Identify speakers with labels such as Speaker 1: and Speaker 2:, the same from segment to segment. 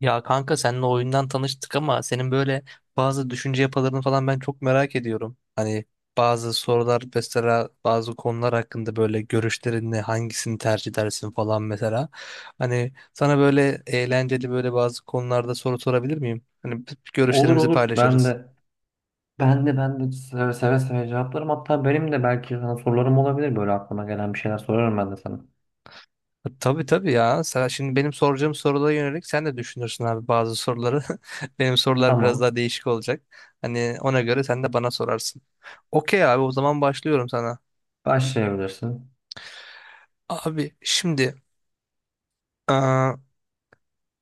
Speaker 1: Ya kanka seninle oyundan tanıştık ama senin böyle bazı düşünce yapılarını falan ben çok merak ediyorum. Hani bazı sorular mesela bazı konular hakkında böyle görüşlerin ne hangisini tercih edersin falan mesela. Hani sana böyle eğlenceli böyle bazı konularda soru sorabilir miyim? Hani
Speaker 2: Olur
Speaker 1: görüşlerimizi
Speaker 2: olur. Ben
Speaker 1: paylaşırız.
Speaker 2: de ben de ben de seve seve cevaplarım. Hatta benim de belki sana sorularım olabilir. Böyle aklıma gelen bir şeyler sorarım ben de sana.
Speaker 1: Ha, tabii tabii ya. Sen şimdi benim soracağım sorulara yönelik sen de düşünürsün abi bazı soruları. Benim sorular biraz
Speaker 2: Tamam.
Speaker 1: daha değişik olacak. Hani ona göre sen de bana sorarsın. Okey abi o zaman başlıyorum sana.
Speaker 2: Başlayabilirsin.
Speaker 1: Abi şimdi aa,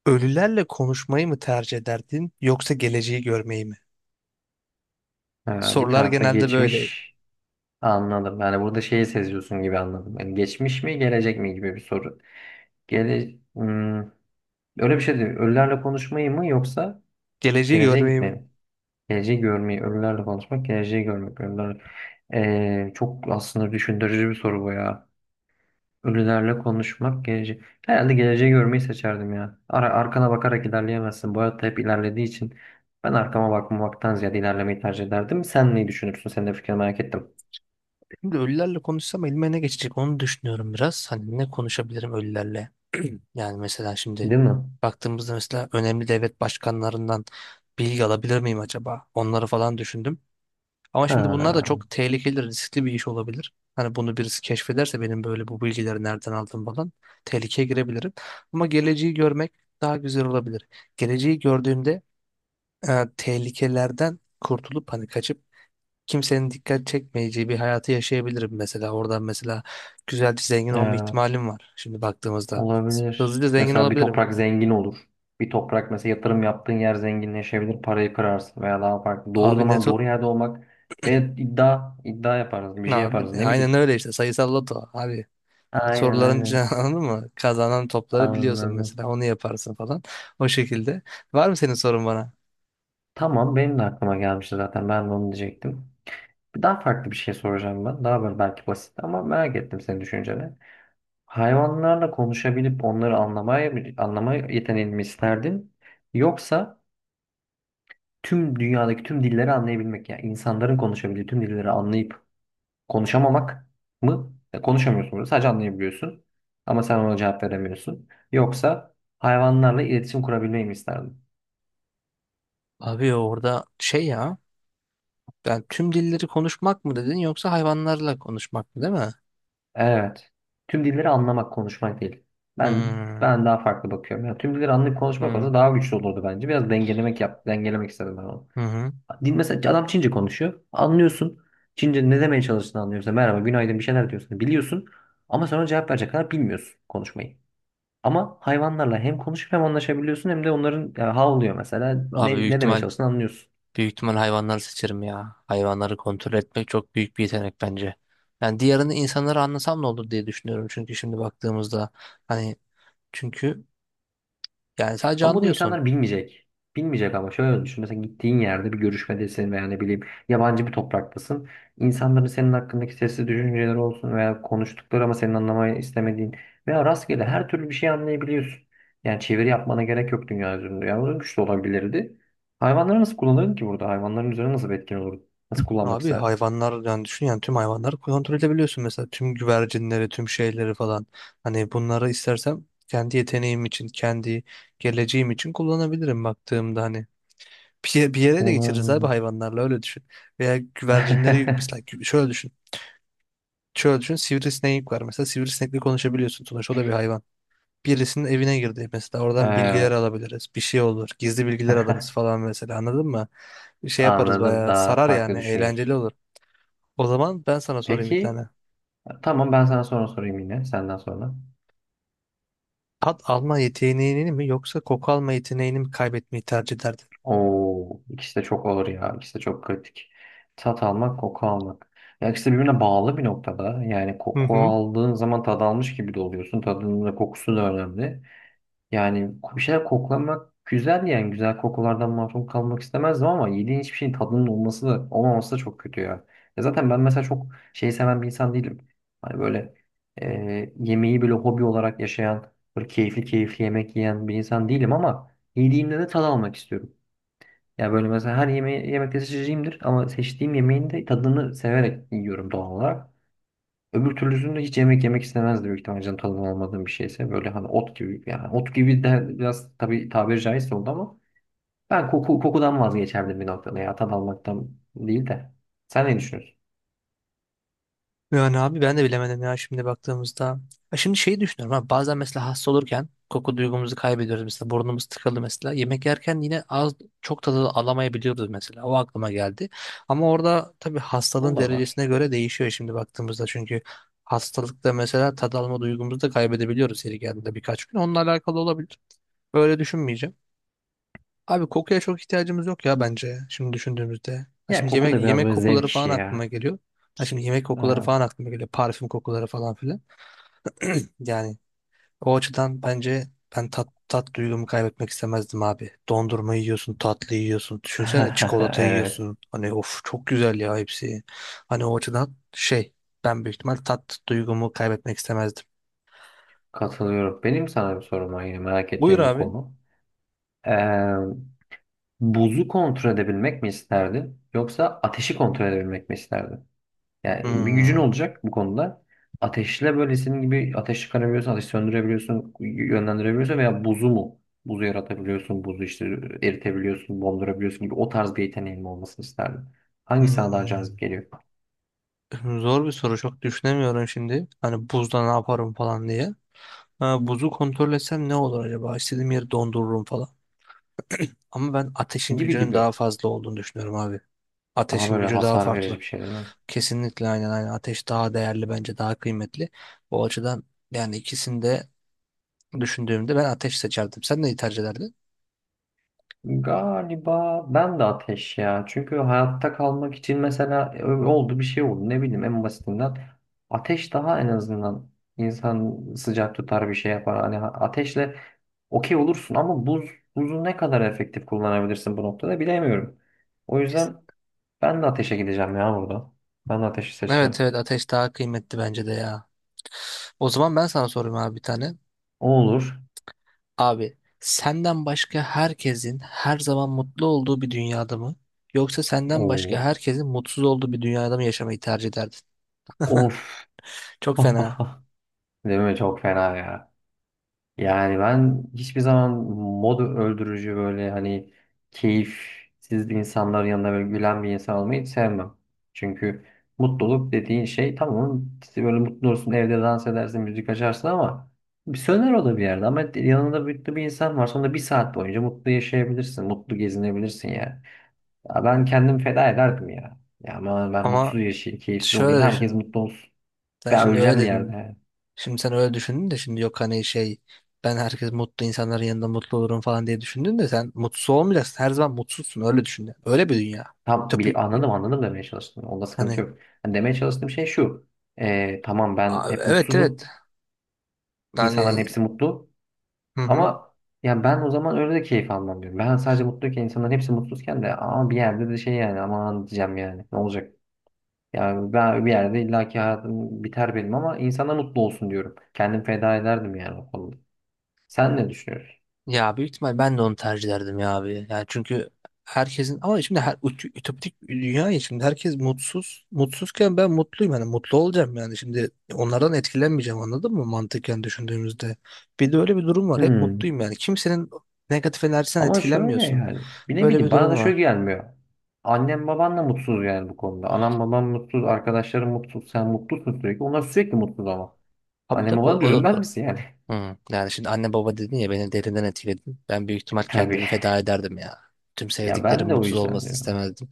Speaker 1: ölülerle konuşmayı mı tercih ederdin yoksa geleceği görmeyi mi?
Speaker 2: Bir
Speaker 1: Sorular
Speaker 2: tarafta
Speaker 1: genelde böyle.
Speaker 2: geçmiş anladım. Yani burada şeyi seziyorsun gibi anladım. Yani geçmiş mi gelecek mi gibi bir soru. Gele Hmm, Öyle bir şey değil. Ölülerle konuşmayı mı yoksa
Speaker 1: Geleceği
Speaker 2: geleceğe
Speaker 1: görmeyi
Speaker 2: gitmeyi
Speaker 1: mi?
Speaker 2: mi? Geleceği görmeyi, ölülerle konuşmak, geleceği görmek. Ölüler... Çok aslında düşündürücü bir soru bu ya. Ölülerle konuşmak geleceği. Herhalde geleceği görmeyi seçerdim ya. Arkana bakarak ilerleyemezsin. Bu hayatta hep ilerlediği için ben arkama bakmamaktan ziyade ilerlemeyi tercih ederdim. Sen neyi düşünürsün? Senin de fikrini merak ettim.
Speaker 1: Şimdi ölülerle konuşsam elime ne geçecek onu düşünüyorum biraz. Hani ne konuşabilirim ölülerle? Yani mesela şimdi
Speaker 2: Değil mi?
Speaker 1: baktığımızda mesela önemli devlet başkanlarından bilgi alabilir miyim acaba? Onları falan düşündüm. Ama şimdi bunlar da
Speaker 2: Ha,
Speaker 1: çok tehlikeli, riskli bir iş olabilir. Hani bunu birisi keşfederse benim böyle bu bilgileri nereden aldım falan tehlikeye girebilirim. Ama geleceği görmek daha güzel olabilir. Geleceği gördüğünde tehlikelerden kurtulup hani kaçıp kimsenin dikkat çekmeyeceği bir hayatı yaşayabilirim mesela. Oradan mesela güzelce zengin olma
Speaker 2: evet.
Speaker 1: ihtimalim var şimdi baktığımızda.
Speaker 2: Olabilir.
Speaker 1: Hızlıca zengin
Speaker 2: Mesela bir
Speaker 1: olabilirim.
Speaker 2: toprak zengin olur. Bir toprak mesela yatırım yaptığın yer zenginleşebilir. Parayı kırarsın veya daha farklı. Doğru
Speaker 1: Abi ne
Speaker 2: zaman
Speaker 1: to...
Speaker 2: doğru yerde olmak ve iddia yaparız. Bir şey
Speaker 1: Abi
Speaker 2: yaparız. Ne bileyim.
Speaker 1: aynen öyle işte sayısal loto. Abi
Speaker 2: Aynen
Speaker 1: soruların
Speaker 2: aynen.
Speaker 1: cevabı anladın mı? Kazanan topları biliyorsun
Speaker 2: Anladım.
Speaker 1: mesela onu yaparsın falan. O şekilde. Var mı senin sorun bana?
Speaker 2: Tamam benim de aklıma gelmişti zaten ben de onu diyecektim. Daha farklı bir şey soracağım ben. Daha böyle belki basit ama merak ettim senin düşünceni. Hayvanlarla konuşabilip onları anlamaya, anlama yeteneğini mi isterdin? Yoksa tüm dünyadaki tüm dilleri anlayabilmek yani insanların konuşabildiği tüm dilleri anlayıp konuşamamak mı? Konuşamıyorsun burada sadece anlayabiliyorsun ama sen ona cevap veremiyorsun. Yoksa hayvanlarla iletişim kurabilmeyi mi isterdin?
Speaker 1: Abi orada şey ya ben tüm dilleri konuşmak mı dedin yoksa hayvanlarla konuşmak mı değil mi?
Speaker 2: Evet. Tüm dilleri anlamak, konuşmak değil. Ben
Speaker 1: Hmm,
Speaker 2: ben daha farklı bakıyorum. Yani tüm dilleri anlayıp konuşmak
Speaker 1: hmm,
Speaker 2: olsa daha güçlü olurdu bence. Biraz dengelemek yap, dengelemek istedim ben onu.
Speaker 1: hı hı.
Speaker 2: Din mesela adam Çince konuşuyor. Anlıyorsun. Çince ne demeye çalıştığını anlıyorsun. Merhaba, günaydın bir şeyler diyorsun. Biliyorsun. Ama sonra cevap verecek kadar bilmiyorsun konuşmayı. Ama hayvanlarla hem konuşup hem anlaşabiliyorsun hem de onların ya, havlıyor mesela
Speaker 1: Abi büyük
Speaker 2: ne demeye
Speaker 1: ihtimal
Speaker 2: çalıştığını anlıyorsun.
Speaker 1: büyük ihtimal hayvanları seçerim ya. Hayvanları kontrol etmek çok büyük bir yetenek bence. Yani diğerini insanları anlasam ne olur diye düşünüyorum çünkü şimdi baktığımızda hani çünkü yani sadece
Speaker 2: Ama bunu
Speaker 1: anlıyorsun.
Speaker 2: insanlar bilmeyecek. Bilmeyecek ama şöyle düşün. Mesela gittiğin yerde bir görüşmedesin veya ne bileyim yabancı bir topraktasın. İnsanların senin hakkındaki sesli düşünceleri olsun veya konuştukları ama senin anlamayı istemediğin veya rastgele her türlü bir şey anlayabiliyorsun. Yani çeviri yapmana gerek yok dünya üzerinde. Yani o güç de olabilirdi. Hayvanları nasıl kullanırdın ki burada? Hayvanların üzerine nasıl bir etkin olurdu? Nasıl kullanmak
Speaker 1: Abi
Speaker 2: isterdin?
Speaker 1: hayvanlar yani düşün yani tüm hayvanları kontrol edebiliyorsun mesela tüm güvercinleri tüm şeyleri falan hani bunları istersem kendi yeteneğim için kendi geleceğim için kullanabilirim baktığımda hani bir yere de geçiririz abi
Speaker 2: Olabilir.
Speaker 1: hayvanlarla öyle düşün veya güvercinleri mesela şöyle düşün şöyle düşün sivrisinek var mesela sivrisinekle konuşabiliyorsun sonuçta o da bir hayvan birisinin evine girdi mesela oradan bilgiler
Speaker 2: Evet.
Speaker 1: alabiliriz bir şey olur gizli bilgiler alırız falan mesela anladın mı bir şey yaparız
Speaker 2: Anladım.
Speaker 1: bayağı
Speaker 2: Daha
Speaker 1: sarar
Speaker 2: farklı
Speaker 1: yani
Speaker 2: düşünüyorsun.
Speaker 1: eğlenceli olur. O zaman ben sana sorayım bir
Speaker 2: Peki.
Speaker 1: tane.
Speaker 2: Tamam ben sana sonra sorayım yine. Senden sonra.
Speaker 1: Tat alma yeteneğini mi yoksa koku alma yeteneğini mi kaybetmeyi tercih ederdin?
Speaker 2: Oo, ikisi de çok ağır ya. İkisi de çok kritik. Tat almak, koku almak. Ya ikisi de birbirine bağlı bir noktada. Yani
Speaker 1: Hı
Speaker 2: koku
Speaker 1: hı.
Speaker 2: aldığın zaman tad almış gibi de oluyorsun. Tadının da kokusu da önemli. Yani bir şeyler koklamak güzel yani güzel kokulardan mahrum kalmak istemezdim ama yediğin hiçbir şeyin tadının olması da olmaması da çok kötü ya. Ya zaten ben mesela çok şey seven bir insan değilim. Hani böyle yemeği böyle hobi olarak yaşayan, böyle keyifli keyifli yemek yiyen bir insan değilim ama yediğimde de tad almak istiyorum. Ya böyle mesela her yemeği yemekte seçeceğimdir ama seçtiğim yemeğin de tadını severek yiyorum doğal olarak. Öbür türlüsünde hiç yemek yemek istemezdi büyük ihtimalle canı tadının olmadığım bir şeyse. Böyle hani ot gibi yani ot gibi de biraz tabii tabiri caizse oldu ama ben kokudan vazgeçerdim bir noktada ya tat almaktan değil de. Sen ne düşünüyorsun?
Speaker 1: Yani abi ben de bilemedim ya şimdi baktığımızda. Ha şimdi şeyi düşünüyorum ha bazen mesela hasta olurken koku duygumuzu kaybediyoruz mesela burnumuz tıkalı mesela. Yemek yerken yine az çok tadı alamayabiliyoruz mesela o aklıma geldi. Ama orada tabii
Speaker 2: O
Speaker 1: hastalığın
Speaker 2: da var.
Speaker 1: derecesine göre değişiyor şimdi baktığımızda çünkü hastalıkta mesela tad alma duygumuzu da kaybedebiliyoruz yeri geldiğinde birkaç gün. Onunla alakalı olabilir. Böyle düşünmeyeceğim. Abi kokuya çok ihtiyacımız yok ya bence şimdi düşündüğümüzde. Ha
Speaker 2: Ya
Speaker 1: şimdi
Speaker 2: koku
Speaker 1: yemek
Speaker 2: da biraz
Speaker 1: yemek
Speaker 2: böyle zevk
Speaker 1: kokuları
Speaker 2: işi
Speaker 1: falan aklıma
Speaker 2: ya.
Speaker 1: geliyor. Ha şimdi yemek kokuları
Speaker 2: Ha.
Speaker 1: falan aklıma geliyor. Parfüm kokuları falan filan. Yani o açıdan bence ben tat duygumu kaybetmek istemezdim abi. Dondurma yiyorsun, tatlı yiyorsun. Düşünsene çikolata
Speaker 2: Evet.
Speaker 1: yiyorsun. Hani of çok güzel ya hepsi. Hani o açıdan şey ben büyük ihtimal tat duygumu kaybetmek istemezdim.
Speaker 2: Katılıyorum. Benim sana bir sorum var yine merak
Speaker 1: Buyur
Speaker 2: ettiğim bir
Speaker 1: abi.
Speaker 2: konu. Ee, Buzu kontrol edebilmek mi isterdin yoksa ateşi kontrol edebilmek mi isterdin? Yani bir gücün
Speaker 1: Hmm.
Speaker 2: olacak bu konuda. Ateşle böyle senin gibi ateş çıkarabiliyorsun, ateş söndürebiliyorsun, yönlendirebiliyorsun veya buzu mu? Buzu yaratabiliyorsun, buzu işte eritebiliyorsun, dondurabiliyorsun gibi o tarz bir yeteneğin olmasını isterdim. Hangisi sana daha
Speaker 1: Hmm.
Speaker 2: cazip geliyor?
Speaker 1: Zor bir soru çok düşünemiyorum şimdi. Hani buzda ne yaparım falan diye. Ha, buzu kontrol etsem ne olur acaba? İstediğim yeri dondururum falan. Ama ben ateşin
Speaker 2: Gibi
Speaker 1: gücünün
Speaker 2: gibi.
Speaker 1: daha fazla olduğunu düşünüyorum abi.
Speaker 2: Daha
Speaker 1: Ateşin
Speaker 2: böyle
Speaker 1: gücü daha
Speaker 2: hasar verici
Speaker 1: farklı.
Speaker 2: bir şey değil mi?
Speaker 1: Kesinlikle aynen aynen. Ateş daha değerli bence daha kıymetli. O açıdan yani ikisini de düşündüğümde ben ateş seçerdim. Sen neyi tercih ederdin?
Speaker 2: Galiba ben de ateş ya. Çünkü hayatta kalmak için mesela oldu bir şey oldu. Ne bileyim en basitinden ateş daha en azından insan sıcak tutar bir şey yapar. Hani ateşle okey olursun ama buzu ne kadar efektif kullanabilirsin bu noktada bilemiyorum. O
Speaker 1: Kesin.
Speaker 2: yüzden ben de ateşe gideceğim ya burada. Ben de ateşi seçeceğim.
Speaker 1: Evet evet ateş daha kıymetli bence de ya. O zaman ben sana sorayım abi bir tane.
Speaker 2: O olur.
Speaker 1: Abi senden başka herkesin her zaman mutlu olduğu bir dünyada mı? Yoksa senden başka
Speaker 2: Oo.
Speaker 1: herkesin mutsuz olduğu bir dünyada mı yaşamayı tercih ederdin?
Speaker 2: Of.
Speaker 1: Çok fena
Speaker 2: Değil mi? Çok fena ya. Yani ben hiçbir zaman modu öldürücü böyle hani keyifsiz insanların yanında böyle gülen bir insan olmayı hiç sevmem. Çünkü mutluluk dediğin şey tamam işte böyle mutlu olursun evde dans edersin müzik açarsın ama bir söner o da bir yerde ama yanında mutlu bir insan var sonra bir saat boyunca mutlu yaşayabilirsin mutlu gezinebilirsin yani. Ya ben kendim feda ederdim ya. Ya ama ben mutsuz
Speaker 1: ama
Speaker 2: yaşayayım keyifsiz olayım
Speaker 1: şöyle
Speaker 2: herkes
Speaker 1: düşün.
Speaker 2: mutlu olsun.
Speaker 1: Sen
Speaker 2: Ben
Speaker 1: şimdi öyle
Speaker 2: öleceğim bir yerde,
Speaker 1: dedin.
Speaker 2: yani.
Speaker 1: Şimdi sen öyle düşündün de şimdi yok hani şey ben herkes mutlu insanların yanında mutlu olurum falan diye düşündün de sen mutsuz olmayacaksın. Her zaman mutsuzsun öyle düşün. Yani. Öyle bir dünya. Ütopik
Speaker 2: Anladım anladım demeye çalıştım. Onda sıkıntı
Speaker 1: hani.
Speaker 2: yok. Yani demeye çalıştığım şey şu. Tamam
Speaker 1: Aa,
Speaker 2: ben hep
Speaker 1: evet evet
Speaker 2: mutsuzum. İnsanların
Speaker 1: yani
Speaker 2: hepsi mutlu.
Speaker 1: hı hı.
Speaker 2: Ama ya ben o zaman öyle de keyif almam diyorum. Ben sadece mutluyken insanların hepsi mutsuzken de ama bir yerde de şey yani aman diyeceğim yani ne olacak? Yani ben bir yerde illaki hayatım biter benim ama insana mutlu olsun diyorum. Kendim feda ederdim yani o konuda. Sen ne düşünüyorsun?
Speaker 1: Ya büyük ihtimal ben de onu tercih ederdim ya abi. Yani çünkü herkesin ama şimdi her ütopik bir dünya ya şimdi herkes mutsuz. Mutsuzken ben mutluyum yani mutlu olacağım yani şimdi onlardan etkilenmeyeceğim anladın mı mantıken düşündüğümüzde. Bir de öyle bir durum var. Hep
Speaker 2: Hmm.
Speaker 1: mutluyum yani. Kimsenin negatif enerjisinden
Speaker 2: Ama şöyle
Speaker 1: etkilenmiyorsun.
Speaker 2: yani. Bir ne
Speaker 1: Böyle bir
Speaker 2: bileyim
Speaker 1: durum
Speaker 2: bana da şöyle
Speaker 1: var.
Speaker 2: gelmiyor. Annem baban da mutsuz yani bu konuda. Anam babam mutsuz, arkadaşlarım mutsuz, sen mutlusun sürekli. Onlar sürekli mutsuz ama.
Speaker 1: Abi
Speaker 2: Annem
Speaker 1: tabii
Speaker 2: babana da
Speaker 1: o da
Speaker 2: üzülmez
Speaker 1: doğru.
Speaker 2: misin yani?
Speaker 1: Hı. Yani şimdi anne baba dedin ya beni derinden etkiledin. Ben büyük ihtimal
Speaker 2: Tabii.
Speaker 1: kendimi feda ederdim ya. Tüm
Speaker 2: Ya
Speaker 1: sevdiklerim
Speaker 2: ben de o
Speaker 1: mutsuz
Speaker 2: yüzden
Speaker 1: olmasını
Speaker 2: diyorum.
Speaker 1: istemezdim.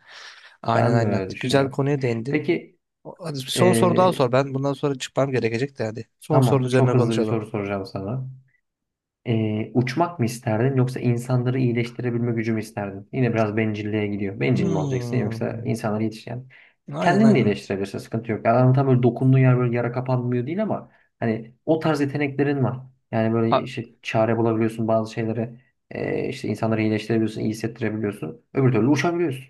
Speaker 1: Aynen
Speaker 2: Ben de
Speaker 1: aynen.
Speaker 2: öyle
Speaker 1: Güzel
Speaker 2: düşünüyorum.
Speaker 1: konuya değindin.
Speaker 2: Peki
Speaker 1: Hadi bir son soru daha
Speaker 2: eee,
Speaker 1: sor. Ben bundan sonra çıkmam gerekecek de hadi. Son sorunun
Speaker 2: tamam çok
Speaker 1: üzerine
Speaker 2: hızlı bir
Speaker 1: konuşalım.
Speaker 2: soru soracağım sana. Uçmak mı isterdin yoksa insanları iyileştirebilme gücü mü isterdin? Yine biraz bencilliğe gidiyor. Bencil mi olacaksın yoksa
Speaker 1: Hmm.
Speaker 2: insanları yetiş yani.
Speaker 1: Aynen
Speaker 2: Kendini de
Speaker 1: aynen.
Speaker 2: iyileştirebilirsin sıkıntı yok. Yani adam tam böyle dokunduğun yer böyle yara kapanmıyor değil ama hani o tarz yeteneklerin var. Yani böyle
Speaker 1: A-
Speaker 2: işte çare bulabiliyorsun bazı şeylere. İşte insanları iyileştirebiliyorsun, iyi hissettirebiliyorsun. Öbür türlü uçabiliyorsun.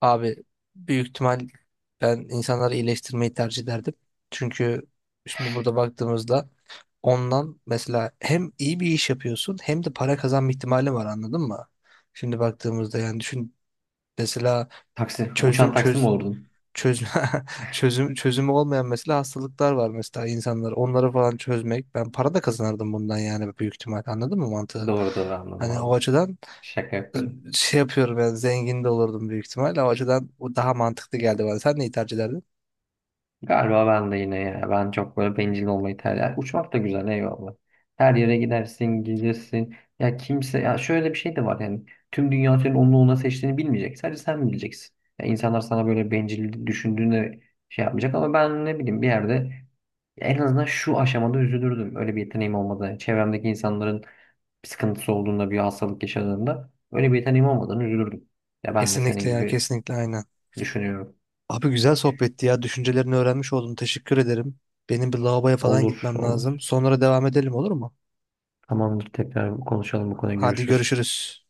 Speaker 1: abi büyük ihtimal ben insanları iyileştirmeyi tercih ederdim. Çünkü şimdi burada baktığımızda ondan mesela hem iyi bir iş yapıyorsun hem de para kazanma ihtimali var anladın mı? Şimdi baktığımızda yani düşün mesela
Speaker 2: Taksi, uçan
Speaker 1: çözüm
Speaker 2: taksi mi
Speaker 1: çöz
Speaker 2: olurdun?
Speaker 1: çözüm çözümü olmayan mesela hastalıklar var mesela insanlar onları falan çözmek ben para da kazanırdım bundan yani büyük ihtimal anladın mı mantığı?
Speaker 2: Doğru doğru anladım
Speaker 1: Hani o
Speaker 2: anladım.
Speaker 1: açıdan
Speaker 2: Şaka
Speaker 1: ı,
Speaker 2: yapıyorum.
Speaker 1: şey yapıyorum yani zengin de olurdum büyük ihtimal o açıdan o daha mantıklı geldi bana. Sen neyi tercih ederdin?
Speaker 2: Galiba ben de yine ya. Ben çok böyle bencil olmayı tercih ederim. Uçmak da güzel eyvallah. Her yere gidersin, gelirsin. Ya kimse ya şöyle bir şey de var yani. Tüm dünya senin onu ona seçtiğini bilmeyecek. Sadece sen bileceksin. Ya insanlar sana böyle bencil düşündüğünde şey yapmayacak ama ben ne bileyim bir yerde en azından şu aşamada üzülürdüm. Öyle bir yeteneğim olmadan, çevremdeki insanların bir sıkıntısı olduğunda, bir hastalık yaşadığında öyle bir yeteneğim olmadan üzülürdüm. Ya ben de senin
Speaker 1: Kesinlikle ya
Speaker 2: gibi
Speaker 1: kesinlikle aynen.
Speaker 2: düşünüyorum.
Speaker 1: Abi güzel sohbetti ya düşüncelerini öğrenmiş oldum teşekkür ederim. Benim bir lavaboya falan
Speaker 2: Olur,
Speaker 1: gitmem lazım.
Speaker 2: olur.
Speaker 1: Sonra devam edelim olur mu?
Speaker 2: Tamamdır. Tekrar konuşalım bu konuyu.
Speaker 1: Hadi
Speaker 2: Görüşürüz.
Speaker 1: görüşürüz.